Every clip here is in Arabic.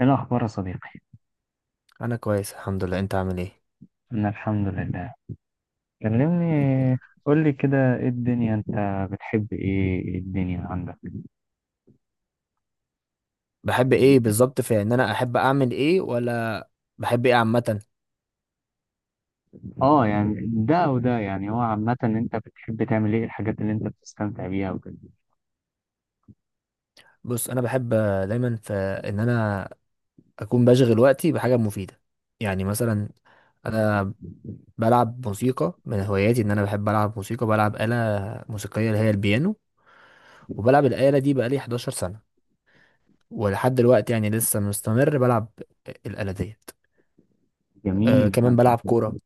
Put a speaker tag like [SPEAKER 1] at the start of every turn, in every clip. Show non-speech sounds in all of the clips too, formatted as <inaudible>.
[SPEAKER 1] ايه الاخبار يا صديقي؟
[SPEAKER 2] انا كويس الحمد لله. انت عامل ايه؟
[SPEAKER 1] انا الحمد لله. كلمني، قول لي كده، ايه الدنيا؟ انت بتحب ايه؟ إيه الدنيا عندك؟
[SPEAKER 2] بحب ايه بالظبط؟ في ان انا احب اعمل ايه، ولا بحب ايه عامه؟
[SPEAKER 1] اه، يعني ده وده. يعني هو عامة انت بتحب تعمل ايه؟ الحاجات اللي انت بتستمتع بيها وكده.
[SPEAKER 2] بص، انا بحب دايما في ان انا اكون بشغل وقتي بحاجه مفيده. يعني مثلا انا بلعب موسيقى، من هواياتي ان انا بحب العب موسيقى، بلعب آلة موسيقيه اللي هي البيانو. وبلعب الآلة دي بقالي 11 سنه، ولحد دلوقتي يعني لسه مستمر بلعب الآلة ديت. أه،
[SPEAKER 1] جميل.
[SPEAKER 2] كمان بلعب كوره.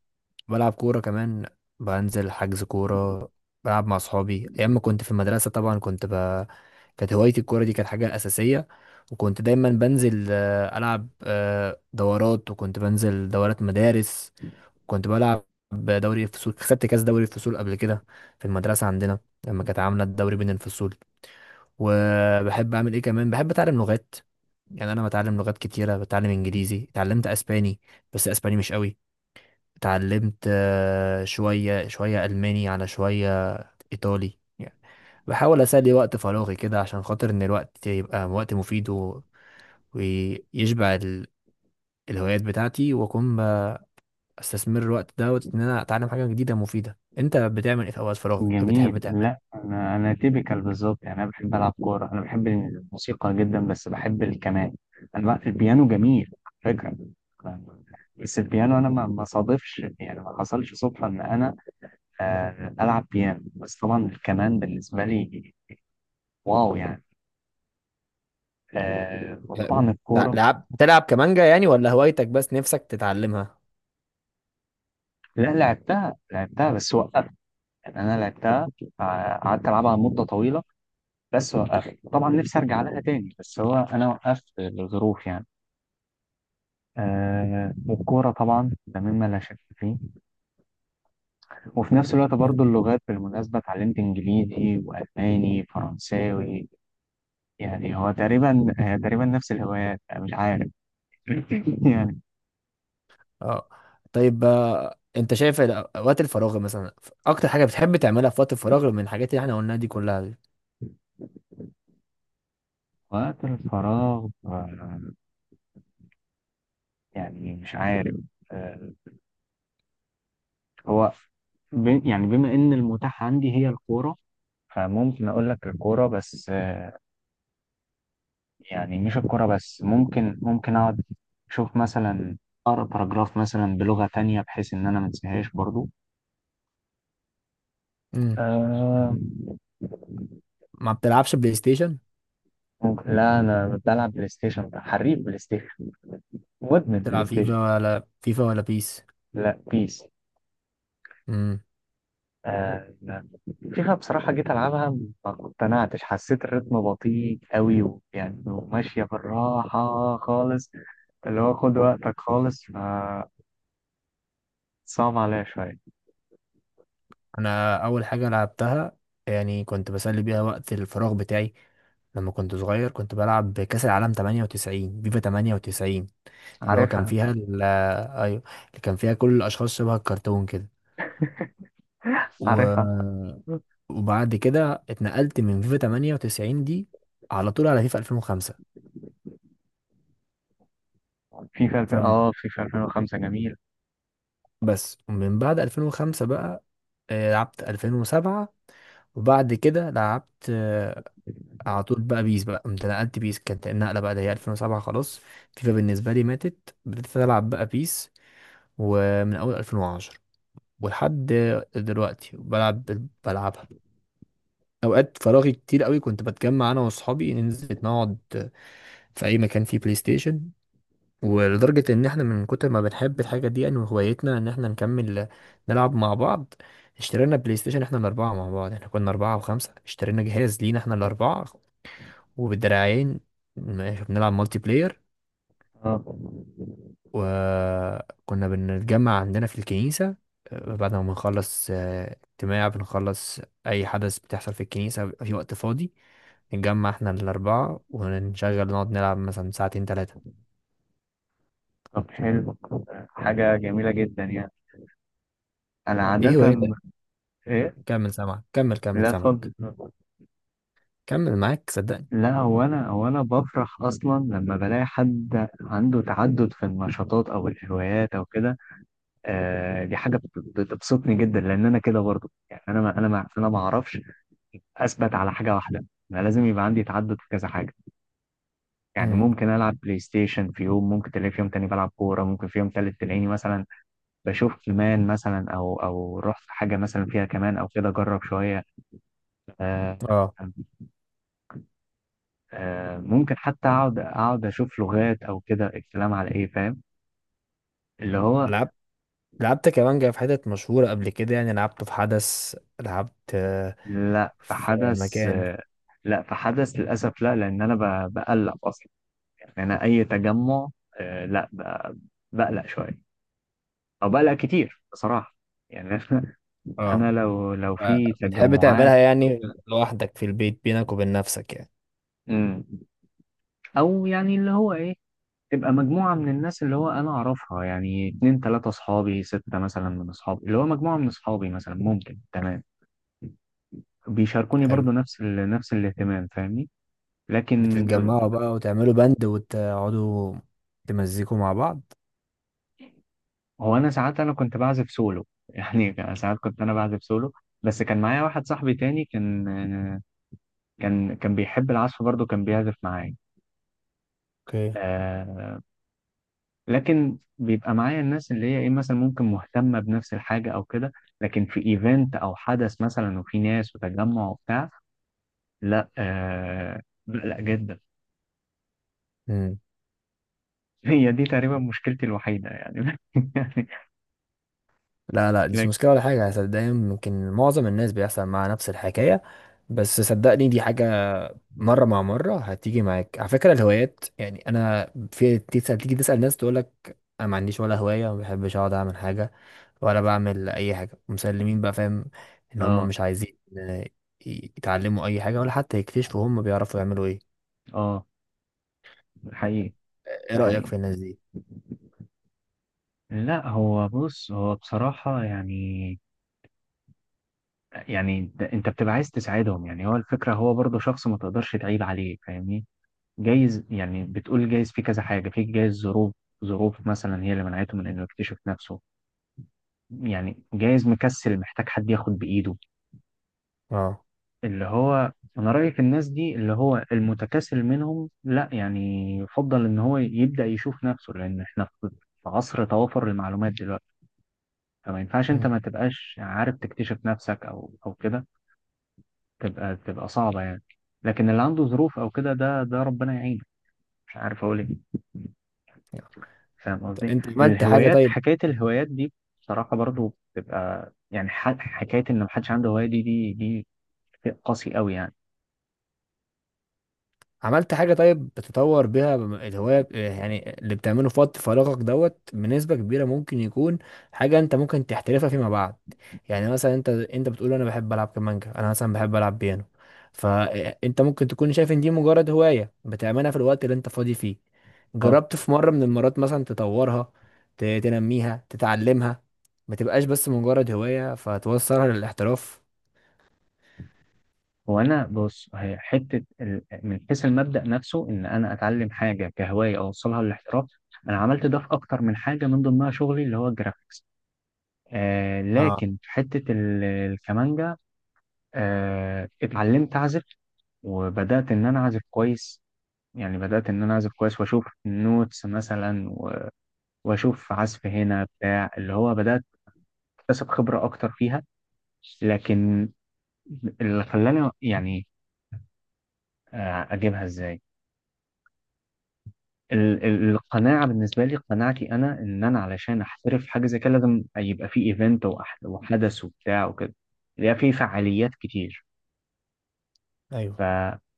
[SPEAKER 2] بلعب كورة كمان، بنزل حجز كورة، بلعب مع صحابي. أيام ما كنت في المدرسة طبعا كنت كانت هوايتي الكورة دي، كانت حاجة أساسية. وكنت دايما بنزل، ألعب، دورات، وكنت بنزل دورات مدارس. كنت بلعب دوري الفصول، خدت كاس دوري الفصول قبل كده في المدرسة عندنا، لما كانت عاملة الدوري بين الفصول. وبحب أعمل إيه كمان؟ بحب أتعلم لغات. يعني أنا بتعلم لغات كتيرة، بتعلم إنجليزي، اتعلمت أسباني بس أسباني مش قوي. اتعلمت شوية شوية ألماني، على شوية إيطالي يعني. بحاول أسلي وقت فراغي كده، عشان خاطر إن الوقت يبقى وقت مفيد ويشبع الهوايات بتاعتي، وأكون بستثمر الوقت دوت إن أنا أتعلم حاجة جديدة مفيدة. أنت بتعمل إيه في أوقات فراغك؟ إيه بتحب
[SPEAKER 1] جميل. لا،
[SPEAKER 2] تعمله؟
[SPEAKER 1] انا تيبيكال بالظبط. يعني انا بحب العب كورة، انا بحب الموسيقى جدا، بس بحب الكمان. انا بقى البيانو جميل على فكرة، بس البيانو انا ما صادفش، يعني ما حصلش صدفة ان انا ألعب بيانو. بس طبعا الكمان بالنسبة لي واو يعني. وطبعا
[SPEAKER 2] تع-
[SPEAKER 1] الكورة.
[SPEAKER 2] لعب بتلعب كمانجا يعني، ولا هوايتك بس نفسك تتعلمها؟
[SPEAKER 1] لا، لعبتها بس وقفت. يعني أنا لعبتها، قعدت ألعبها مدة طويلة، بس وقفت. طبعا نفسي أرجع لها تاني، بس هو أنا وقفت لظروف يعني. والكورة طبعا ده مما لا شك فيه. وفي نفس الوقت
[SPEAKER 2] حلو.
[SPEAKER 1] برضو اللغات، بالمناسبة اتعلمت إنجليزي وألماني فرنساوي. يعني هو تقريبا، تقريبا نفس الهوايات. مش عارف. <laughs> يعني
[SPEAKER 2] أه، طيب. أنت شايف أوقات الفراغ مثلا، أكتر حاجة بتحب تعملها في وقت الفراغ من الحاجات اللي إحنا قلناها دي كلها دي؟
[SPEAKER 1] وقت الفراغ، يعني مش عارف. آه، هو يعني بما ان المتاح عندي هي الكوره، فممكن اقول لك الكوره بس. يعني مش الكوره بس، ممكن اقعد اشوف مثلا، اقرا باراجراف مثلا بلغه تانية، بحيث ان انا ما انساهاش برضو. آه،
[SPEAKER 2] ما بتلعبش بلاي ستيشن؟
[SPEAKER 1] ممكن. لا، انا بلعب بلاي ستيشن، حريف بلاي ستيشن، مدمن بلاي
[SPEAKER 2] بتلعب
[SPEAKER 1] ستيشن.
[SPEAKER 2] فيفا ولا بيس؟
[SPEAKER 1] لا، بيس.
[SPEAKER 2] امم
[SPEAKER 1] آه. فيفا بصراحة جيت ألعبها ما اقتنعتش، حسيت الريتم بطيء قوي، يعني وماشية بالراحة خالص، اللي هو خد وقتك خالص، فصعب عليا شوية.
[SPEAKER 2] انا اول حاجه لعبتها، يعني كنت بسلي بيها وقت الفراغ بتاعي لما كنت صغير، كنت بلعب كاس العالم 98، فيفا 98. اللي هو كان
[SPEAKER 1] عارفها.
[SPEAKER 2] فيها ايوه، اللي كان فيها كل الاشخاص شبه الكرتون كده و...
[SPEAKER 1] عارفها.
[SPEAKER 2] وبعد كده اتنقلت من فيفا 98 دي على طول على فيفا 2005.
[SPEAKER 1] فيفا
[SPEAKER 2] فاهم؟
[SPEAKER 1] اه فيفا 2005 جميل.
[SPEAKER 2] بس من بعد 2005 بقى لعبت 2007، وبعد كده لعبت على طول بقى بيس. بقى قمت نقلت بيس، كانت النقله بقى اللي هي 2007. خلاص، فيفا بالنسبه لي ماتت، بدأت العب بقى بيس، ومن اول 2010 ولحد دلوقتي بلعبها اوقات فراغي كتير قوي. كنت بتجمع انا واصحابي ننزل نقعد في اي مكان فيه بلاي ستيشن، ولدرجه ان احنا من كتر ما بنحب الحاجه دي يعني، وهوايتنا ان احنا نكمل نلعب مع بعض، اشترينا بلاي ستيشن احنا الاربعه مع بعض. احنا كنا اربعه وخمسه، اشترينا جهاز لينا احنا الاربعه، وبالدراعين ماشي بنلعب مالتي بلاير.
[SPEAKER 1] اه.
[SPEAKER 2] وكنا بنتجمع عندنا في الكنيسة، بعد ما بنخلص اجتماع، بنخلص أي حدث بتحصل في الكنيسة، بيبقى في وقت فاضي نتجمع احنا الأربعة ونشغل نقعد نلعب مثلا ساعتين تلاتة.
[SPEAKER 1] طب حلو، حاجة جميلة جدا يعني. أنا
[SPEAKER 2] ايه
[SPEAKER 1] عادة
[SPEAKER 2] هواياتك؟
[SPEAKER 1] إيه؟
[SPEAKER 2] كمل، سامعك. كمل،
[SPEAKER 1] لا اتفضل.
[SPEAKER 2] سامعك. كمل، معاك صدقني.
[SPEAKER 1] لا، هو أنا هو أنا بفرح أصلا لما بلاقي حد عنده تعدد في النشاطات أو الهوايات أو كده. آه، دي حاجه بتبسطني جدا، لان انا كده برضو. يعني انا ما انا ما اعرفش اثبت على حاجه واحده. انا لازم يبقى عندي تعدد في كذا حاجه. يعني
[SPEAKER 2] امم.
[SPEAKER 1] ممكن العب بلاي ستيشن في يوم، ممكن تلاقي في يوم تاني بلعب كوره، ممكن في يوم تالت تلاقيني مثلا بشوف كمان مثلا، او رحت حاجه مثلا فيها كمان او كده، اجرب شويه. آه.
[SPEAKER 2] اه،
[SPEAKER 1] آه، ممكن حتى اقعد اشوف لغات او كده. الكلام على ايه؟ فاهم اللي هو.
[SPEAKER 2] لعبت لعبت كمانجا في حتت مشهورة قبل كده، يعني لعبته في حدث، لعبت
[SPEAKER 1] لا، في
[SPEAKER 2] في
[SPEAKER 1] حدث.
[SPEAKER 2] مكان.
[SPEAKER 1] آه. لا، في حدث للاسف. لا، لان انا بقلق اصلا. يعني انا اي تجمع، آه لا ب- بقلق شويه، او بقلق كتير بصراحه. يعني <laughs>
[SPEAKER 2] اه.
[SPEAKER 1] انا لو، لو في
[SPEAKER 2] بتحب
[SPEAKER 1] تجمعات.
[SPEAKER 2] تعملها يعني لوحدك في البيت، بينك وبين نفسك يعني؟
[SPEAKER 1] مم. او يعني اللي هو ايه، تبقى مجموعه من الناس اللي هو انا اعرفها، يعني اتنين تلاته اصحابي، سته مثلا من اصحابي، اللي هو مجموعه من اصحابي مثلا، ممكن تمام. بيشاركوني
[SPEAKER 2] حلو.
[SPEAKER 1] برضو نفس الاهتمام، فاهمني؟ لكن
[SPEAKER 2] بتتجمعوا بقى وتعملوا بند، وتقعدوا تمزيكوا مع بعض؟
[SPEAKER 1] هو انا ساعات، انا كنت بعزف سولو. <laughs> يعني ساعات كنت انا بعزف سولو، بس كان معايا واحد صاحبي تاني، كان بيحب العزف برضه، كان بيعزف معايا.
[SPEAKER 2] اوكي.
[SPEAKER 1] آه. لكن بيبقى معايا الناس اللي هي ايه، مثلا ممكن مهتمة بنفس الحاجة او كده. لكن في ايفنت او حدث مثلا، وفي ناس وتجمع وبتاع، لا. آه، لا جدا.
[SPEAKER 2] مم.
[SPEAKER 1] <laughs> هي دي تقريبا مشكلتي الوحيدة يعني. <laughs> يعني
[SPEAKER 2] لا، لا، دي مش
[SPEAKER 1] لك.
[SPEAKER 2] مشكلة ولا حاجة، صدقني. ممكن معظم الناس بيحصل معاها نفس الحكاية. بس صدقني، دي حاجة مرة مع مرة هتيجي معاك. على فكرة الهوايات، يعني أنا في تيجي تسأل ناس تقولك أنا ما عنديش ولا هواية، وما بحبش أقعد أعمل حاجة ولا بعمل أي حاجة، مسلمين بقى، فاهم إن هما
[SPEAKER 1] اه.
[SPEAKER 2] مش عايزين يتعلموا أي حاجة، ولا حتى يكتشفوا هما بيعرفوا يعملوا إيه.
[SPEAKER 1] اه، حقيقي.
[SPEAKER 2] إيه
[SPEAKER 1] ده
[SPEAKER 2] رأيك
[SPEAKER 1] حقيقي.
[SPEAKER 2] في الناس دي؟
[SPEAKER 1] لا هو بص، هو بصراحة يعني، يعني انت بتبقى عايز تساعدهم. يعني هو الفكرة، هو برضه شخص ما تقدرش تعيب عليه، فاهمني؟ جايز يعني، بتقول جايز في كذا حاجة، في جايز ظروف، ظروف مثلا هي اللي منعته من انه يكتشف نفسه. يعني جايز مكسل، محتاج حد ياخد بإيده
[SPEAKER 2] أه.
[SPEAKER 1] اللي هو. انا رأيي في الناس دي، اللي هو المتكاسل منهم لا، يعني يفضل ان هو يبدأ يشوف نفسه، لان احنا في، في عصر توافر المعلومات دلوقتي. فما ينفعش انت
[SPEAKER 2] مم.
[SPEAKER 1] ما تبقاش عارف تكتشف نفسك، او كده. تبقى صعبة يعني. لكن اللي عنده ظروف او كده، ده ربنا يعينه، مش عارف اقول ايه. فاهم
[SPEAKER 2] طب
[SPEAKER 1] قصدي؟
[SPEAKER 2] أنت
[SPEAKER 1] الهوايات، حكاية الهوايات دي، بصراحة برضو بتبقى يعني حكاية إن محدش عنده هواية، دي شيء قاسي قوي يعني.
[SPEAKER 2] عملت حاجة طيب بتطور بيها الهواية، يعني اللي بتعمله في وقت فراغك دوت بنسبة كبيرة ممكن يكون حاجة انت ممكن تحترفها فيما بعد. يعني مثلا انت بتقول انا بحب العب كمانجا، انا مثلا بحب العب بيانو، فانت ممكن تكون شايف ان دي مجرد هواية بتعملها في الوقت اللي انت فاضي فيه.
[SPEAKER 1] اه.
[SPEAKER 2] جربت في مرة من المرات مثلا تطورها، تنميها، تتعلمها، ما تبقاش بس مجرد هواية فتوصلها للاحتراف؟
[SPEAKER 1] وأنا بص، هي حتة من حيث المبدأ نفسه، إن أنا أتعلم حاجة كهواية أوصلها للاحتراف، أنا عملت ده في أكتر من حاجة، من ضمنها شغلي اللي هو الجرافيكس. آه،
[SPEAKER 2] اه،
[SPEAKER 1] لكن في حتة الكمانجا، آه، اتعلمت أعزف وبدأت إن أنا أعزف كويس. يعني بدأت إن أنا أعزف كويس، وأشوف النوتس مثلا، واشوف عزف هنا بتاع، اللي هو بدات اكتسب خبره اكتر فيها. لكن اللي خلاني يعني، اجيبها ازاي، القناعه بالنسبه لي، قناعتي انا ان انا علشان احترف في حاجه زي كده، لازم يبقى في ايفنت وحدث وبتاع وكده، يبقى في فعاليات كتير. ف
[SPEAKER 2] ايوه.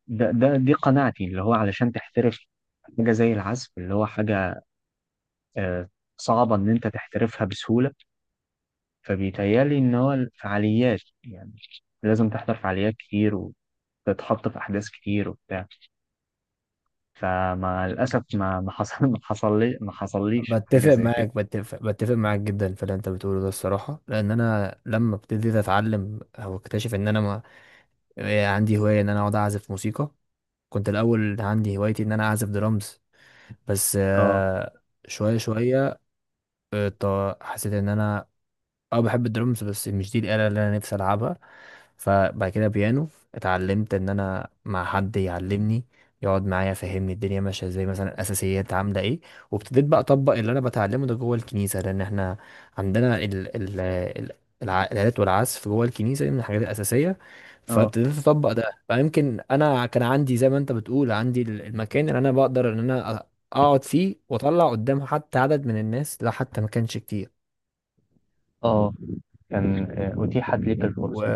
[SPEAKER 1] ده دي قناعتي، اللي هو علشان تحترف حاجه زي العزف، اللي هو حاجه آه، صعبه ان انت تحترفها بسهوله. فبيتهيألي إن هو الفعاليات يعني، لازم تحضر فعاليات كتير، وتتحط في أحداث كتير وبتاع. فمع الأسف ما حصل لي ما حصليش حاجة زي كده.
[SPEAKER 2] بتفق معاك جدا في اللي انت بتقوله ده الصراحه، لان انا لما ابتديت اتعلم او اكتشف ان انا ما... إيه، عندي هوايه ان انا اقعد اعزف موسيقى، كنت الاول عندي هوايتي ان انا اعزف درامز. بس
[SPEAKER 1] اه.
[SPEAKER 2] شويه شويه حسيت ان انا اه بحب الدرمز، بس مش دي الآلة اللي انا نفسي العبها. فبعد كده بيانو، اتعلمت ان انا مع حد يعلمني، يقعد معايا يفهمني الدنيا ماشيه ازاي، مثلا الاساسيات عامله ايه. وابتديت بقى اطبق اللي انا بتعلمه ده جوه الكنيسه، لان احنا عندنا الآلات والعزف جوه الكنيسه دي من الحاجات الاساسيه.
[SPEAKER 1] اه.
[SPEAKER 2] فابتديت اطبق ده، فيمكن انا كان عندي زي ما انت بتقول عندي المكان اللي انا بقدر ان انا اقعد فيه واطلع قدام حتى عدد من الناس، لا حتى ما كانش كتير.
[SPEAKER 1] اه، كان أتيحت ليك الفرصة.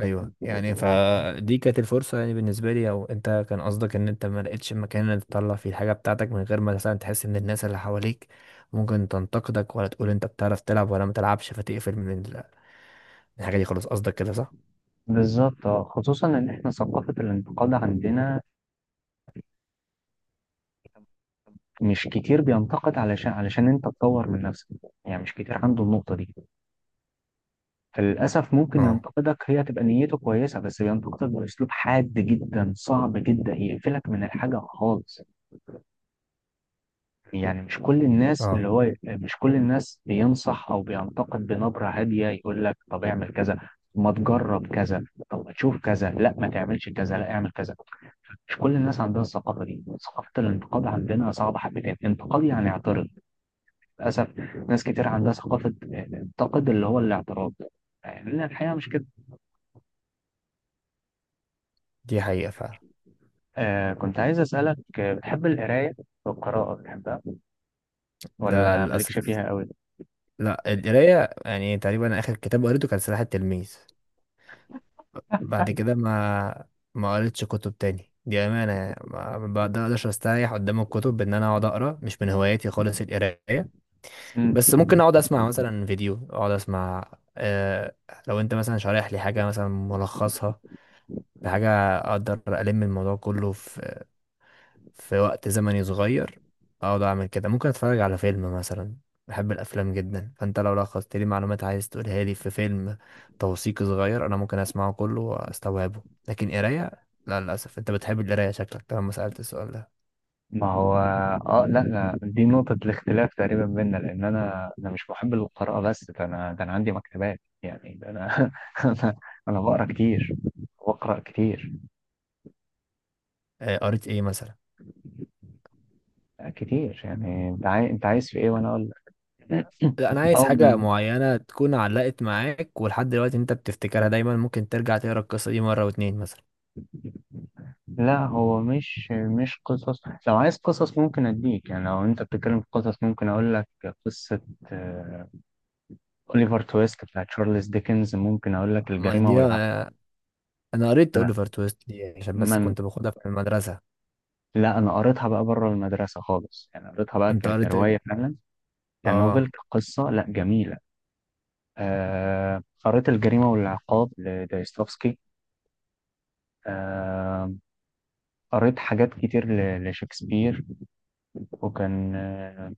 [SPEAKER 2] ايوه يعني، فدي كانت الفرصه يعني بالنسبه لي. او انت كان قصدك ان انت ما لقيتش مكان إنك تطلع فيه الحاجه بتاعتك، من غير ما مثلا تحس ان الناس اللي حواليك ممكن تنتقدك، ولا تقول انت بتعرف تلعب ولا ما تلعبش، فتقفل من الحاجه دي خلاص، قصدك كده صح؟
[SPEAKER 1] بالظبط، اه. خصوصا إن إحنا ثقافة الانتقاد عندنا مش كتير بينتقد علشان، علشان أنت تطور من نفسك. يعني مش كتير عنده النقطة دي. فللأسف ممكن
[SPEAKER 2] اه،
[SPEAKER 1] ينتقدك هي تبقى نيته كويسة، بس بينتقدك بأسلوب حاد جدا، صعب جدا يقفلك من الحاجة خالص. يعني مش كل الناس اللي
[SPEAKER 2] اه.
[SPEAKER 1] هو، مش كل الناس بينصح أو بينتقد بنبرة هادية، يقول لك طب اعمل كذا، ما تجرب كذا، طب ما تشوف كذا، لا ما تعملش كذا، لا اعمل كذا. مش كل الناس عندها الثقافة دي. ثقافة الانتقاد عندنا صعبة حبتين. انتقاد يعني اعترض، للأسف. ناس كتير عندها ثقافة انتقد، اللي هو الاعتراض. يعني الحقيقة مش كده.
[SPEAKER 2] دي حقيقه فعلا.
[SPEAKER 1] آه، كنت عايز أسألك، بتحب القراية؟ والقراءة بتحبها
[SPEAKER 2] لا،
[SPEAKER 1] ولا مالكش
[SPEAKER 2] للاسف
[SPEAKER 1] فيها قوي؟
[SPEAKER 2] لا. القرايه يعني تقريبا اخر كتاب قريته كان سلاح التلميذ. بعد كده ما قريتش كتب تاني، دي امانه يعني، ما بقدرش استريح قدام الكتب بان انا اقعد اقرا، مش من هواياتي خالص القرايه.
[SPEAKER 1] مم.
[SPEAKER 2] بس ممكن اقعد اسمع مثلا فيديو، اقعد اسمع. آه، لو انت مثلا شارح لي حاجه، مثلا ملخصها في حاجه، اقدر الم الموضوع كله في وقت زمني صغير، اقعد اعمل كده. ممكن اتفرج على فيلم مثلا، بحب الافلام جدا، فانت لو لخصت لي معلومات عايز تقولها لي في فيلم توثيقي صغير انا ممكن اسمعه كله واستوعبه. لكن قرايه، لا للاسف. انت بتحب القرايه شكلك، طالما سالت السؤال ده.
[SPEAKER 1] ما هو، اه لا لا، دي نقطة الاختلاف تقريبا بيننا، لأن أنا مش محب للقراءة، بس ده أنا، ده أنا عندي مكتبات يعني، ده أنا <laughs> أنا، أنا بقرا كتير وأقرأ كتير
[SPEAKER 2] قريت ايه مثلا؟
[SPEAKER 1] كتير. يعني أنت عايز، أنت عايز في إيه وأنا أقول لك؟
[SPEAKER 2] لا، انا عايز
[SPEAKER 1] أو
[SPEAKER 2] حاجه
[SPEAKER 1] بال...
[SPEAKER 2] معينه تكون علقت معاك ولحد دلوقتي انت بتفتكرها دايما، ممكن ترجع تقرا القصه دي مره واتنين مثلا.
[SPEAKER 1] لا هو مش، مش قصص. لو عايز قصص ممكن أديك، يعني لو أنت بتتكلم في قصص ممكن أقول لك قصة آه، أوليفر تويست بتاع تشارلز ديكنز، ممكن أقول لك
[SPEAKER 2] ما
[SPEAKER 1] الجريمة
[SPEAKER 2] دي
[SPEAKER 1] والعقاب.
[SPEAKER 2] انا قريت
[SPEAKER 1] أنا
[SPEAKER 2] اوليفر تويست دي عشان بس
[SPEAKER 1] من،
[SPEAKER 2] كنت باخدها في المدرسه.
[SPEAKER 1] لا أنا قريتها بقى بره المدرسة خالص، يعني قريتها بقى
[SPEAKER 2] انت قريت إيه؟
[SPEAKER 1] كرواية فعلا، كنوفل
[SPEAKER 2] اه.
[SPEAKER 1] كقصة، لا جميلة. آه، قريت الجريمة والعقاب لدايستوفسكي. آه، قريت حاجات كتير لشكسبير. وكان آه،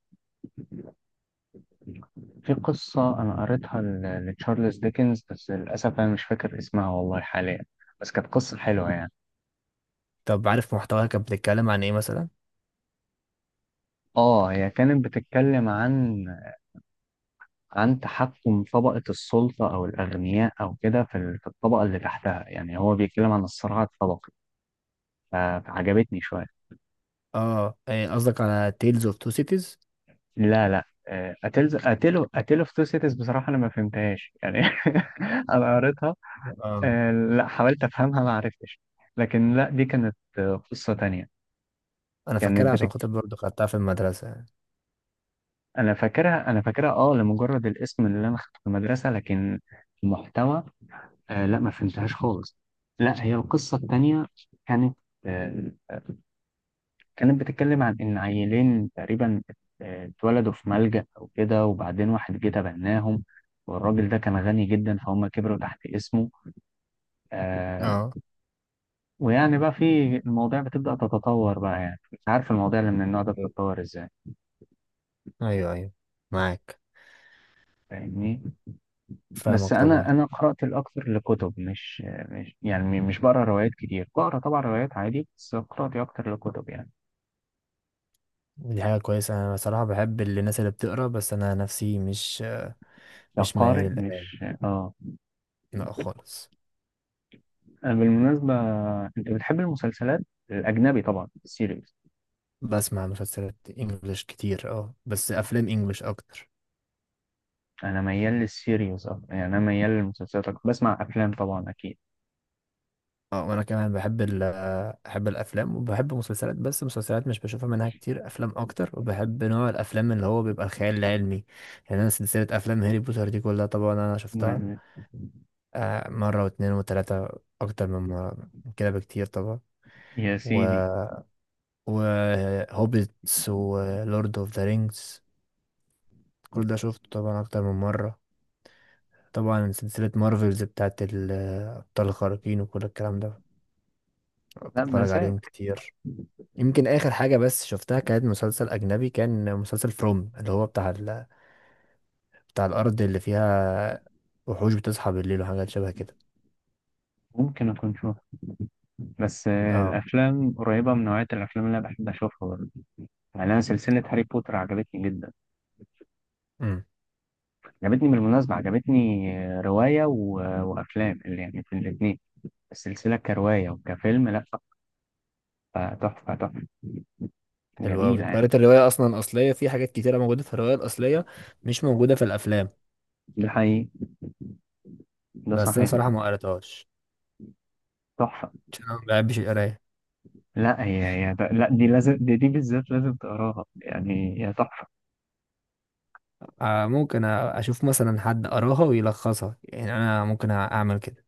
[SPEAKER 1] في قصة أنا قريتها لتشارلز ديكنز، بس للأسف أنا مش فاكر اسمها والله حاليا، بس كانت قصة حلوة يعني.
[SPEAKER 2] طب عارف محتواها كانت بتتكلم عن ايه مثلا؟
[SPEAKER 1] اه، هي كانت بتتكلم عن، عن تحكم طبقة السلطة أو الأغنياء أو كده في في الطبقة اللي تحتها. يعني هو بيتكلم عن الصراع الطبقي، فعجبتني شوية.
[SPEAKER 2] اه، إيه قصدك على تيلز اوف تو سيتيز؟
[SPEAKER 1] لا لا، أتلز، أتلو في تو سيتيز بصراحة أنا ما فهمتهاش يعني. <laughs> أنا قريتها،
[SPEAKER 2] اه.
[SPEAKER 1] لا حاولت أفهمها ما عرفتش. لكن لا، دي كانت قصة تانية.
[SPEAKER 2] انا
[SPEAKER 1] كانت
[SPEAKER 2] فاكرها عشان خاطر برضه خدتها في المدرسه يعني.
[SPEAKER 1] أنا فاكرها، أنا فاكرها أه لمجرد الاسم اللي أنا خدته في المدرسة، لكن المحتوى لا ما فهمتهاش خالص. لا، هي القصة التانية كانت آه، كانت بتتكلم عن إن عيلين تقريبا اتولدوا في ملجأ أو كده، وبعدين واحد جه تبناهم، والراجل ده كان غني جدا، فهم كبروا تحت اسمه. آه،
[SPEAKER 2] اه،
[SPEAKER 1] ويعني بقى في، المواضيع بتبدأ تتطور بقى، يعني مش عارف المواضيع اللي من النوع ده
[SPEAKER 2] إيه.
[SPEAKER 1] بتتطور ازاي.
[SPEAKER 2] ايوه، ايوه، معاك.
[SPEAKER 1] فاهمني؟ بس
[SPEAKER 2] فاهمك طبعا.
[SPEAKER 1] أنا قرأت الأكثر لكتب، مش يعني مش بقرأ روايات كتير، بقرأ طبعا روايات عادي، بس قراءتي أكتر لكتب يعني.
[SPEAKER 2] دي حاجه كويسه، انا بصراحه بحب الناس اللي بتقرا، بس انا نفسي مش ميال
[SPEAKER 1] كقارئ، مش
[SPEAKER 2] للقرايه.
[SPEAKER 1] اه.
[SPEAKER 2] لا خالص.
[SPEAKER 1] بالمناسبة أنت بتحب المسلسلات الأجنبي طبعا، السيريز؟
[SPEAKER 2] بسمع مسلسلات انجلش كتير، بس افلام انجلش اكتر.
[SPEAKER 1] انا ميال للسيريوس اكتر، يعني انا ميال للمسلسلات اكتر، بسمع افلام طبعا اكيد.
[SPEAKER 2] اه، وانا كمان بحب بحب الافلام، وبحب مسلسلات بس مسلسلات مش بشوفها منها كتير، افلام اكتر. وبحب نوع الافلام اللي هو بيبقى الخيال العلمي. يعني انا سلسله افلام هاري بوتر دي كلها طبعا انا شفتها،
[SPEAKER 1] ما-
[SPEAKER 2] مره واتنين وتلاته، اكتر من مره من كده بكتير طبعا.
[SPEAKER 1] يا
[SPEAKER 2] و
[SPEAKER 1] سيدي.
[SPEAKER 2] وهوبيتس ولورد اوف ذا رينجز كل ده شفته طبعا اكتر من مره. طبعا سلسلة مارفلز بتاعت الأبطال الخارقين وكل الكلام ده
[SPEAKER 1] لا
[SPEAKER 2] بتفرج
[SPEAKER 1] مزاج.
[SPEAKER 2] عليهم كتير. يمكن آخر حاجة بس شفتها كانت مسلسل أجنبي، كان مسلسل فروم، اللي هو بتاع الأرض اللي فيها وحوش بتصحى بالليل وحاجات شبه كده.
[SPEAKER 1] ممكن اكون شوف، بس
[SPEAKER 2] اه.
[SPEAKER 1] الافلام قريبه من نوعيه الافلام اللي انا بحب اشوفها برضه. يعني انا سلسله هاري بوتر عجبتني جدا.
[SPEAKER 2] امم.
[SPEAKER 1] عجبتني بالمناسبه، عجبتني روايه وافلام، اللي يعني في الاثنين، السلسله كروايه وكفيلم، لا تحفه، تحفه،
[SPEAKER 2] حلو
[SPEAKER 1] جميله
[SPEAKER 2] أوي، أنت
[SPEAKER 1] يعني.
[SPEAKER 2] قريت الرواية أصلا أصلية، في حاجات كتيرة موجودة في الرواية الأصلية مش موجودة في الأفلام.
[SPEAKER 1] ده حقيقي، ده
[SPEAKER 2] بس أنا
[SPEAKER 1] صحيح.
[SPEAKER 2] صراحة ما قريتهاش
[SPEAKER 1] تحفه.
[SPEAKER 2] عشان أنا ما بحبش القراية.
[SPEAKER 1] لا هي هي، لا دي لازم، دي, دي بالذات لازم تقراها، يعني هي تحفه.
[SPEAKER 2] آه، ممكن أشوف مثلا حد قراها ويلخصها، يعني أنا ممكن أعمل كده،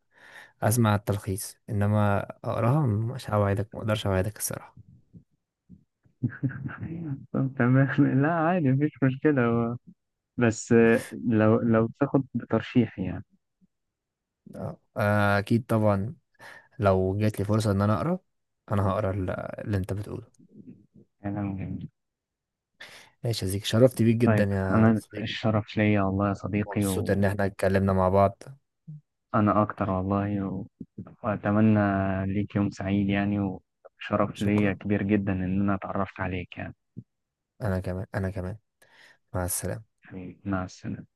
[SPEAKER 2] اسمع التلخيص، انما اقراها مش هوعدك، ما اقدرش اوعدك الصراحه.
[SPEAKER 1] أيوة. طب تمام. <laughs> لا عادي مفيش مشكلة. هو بس لو، لو تاخد بترشيح يعني.
[SPEAKER 2] اكيد طبعا، لو جات لي فرصه ان انا اقرا، انا هقرا اللي انت بتقوله.
[SPEAKER 1] كلام جميل.
[SPEAKER 2] ماشي يا زيك، شرفت بيك جدا
[SPEAKER 1] طيب
[SPEAKER 2] يا
[SPEAKER 1] أنا
[SPEAKER 2] صديقي،
[SPEAKER 1] الشرف ليا والله يا صديقي،
[SPEAKER 2] مبسوط
[SPEAKER 1] وأنا
[SPEAKER 2] ان احنا اتكلمنا مع بعض.
[SPEAKER 1] أكتر والله وأتمنى ليك يوم سعيد يعني، وشرف ليا
[SPEAKER 2] شكرا،
[SPEAKER 1] كبير جدا إن أنا اتعرفت عليك يعني.
[SPEAKER 2] انا كمان، انا كمان. مع السلامه.
[SPEAKER 1] حبيبي، مع السلامة.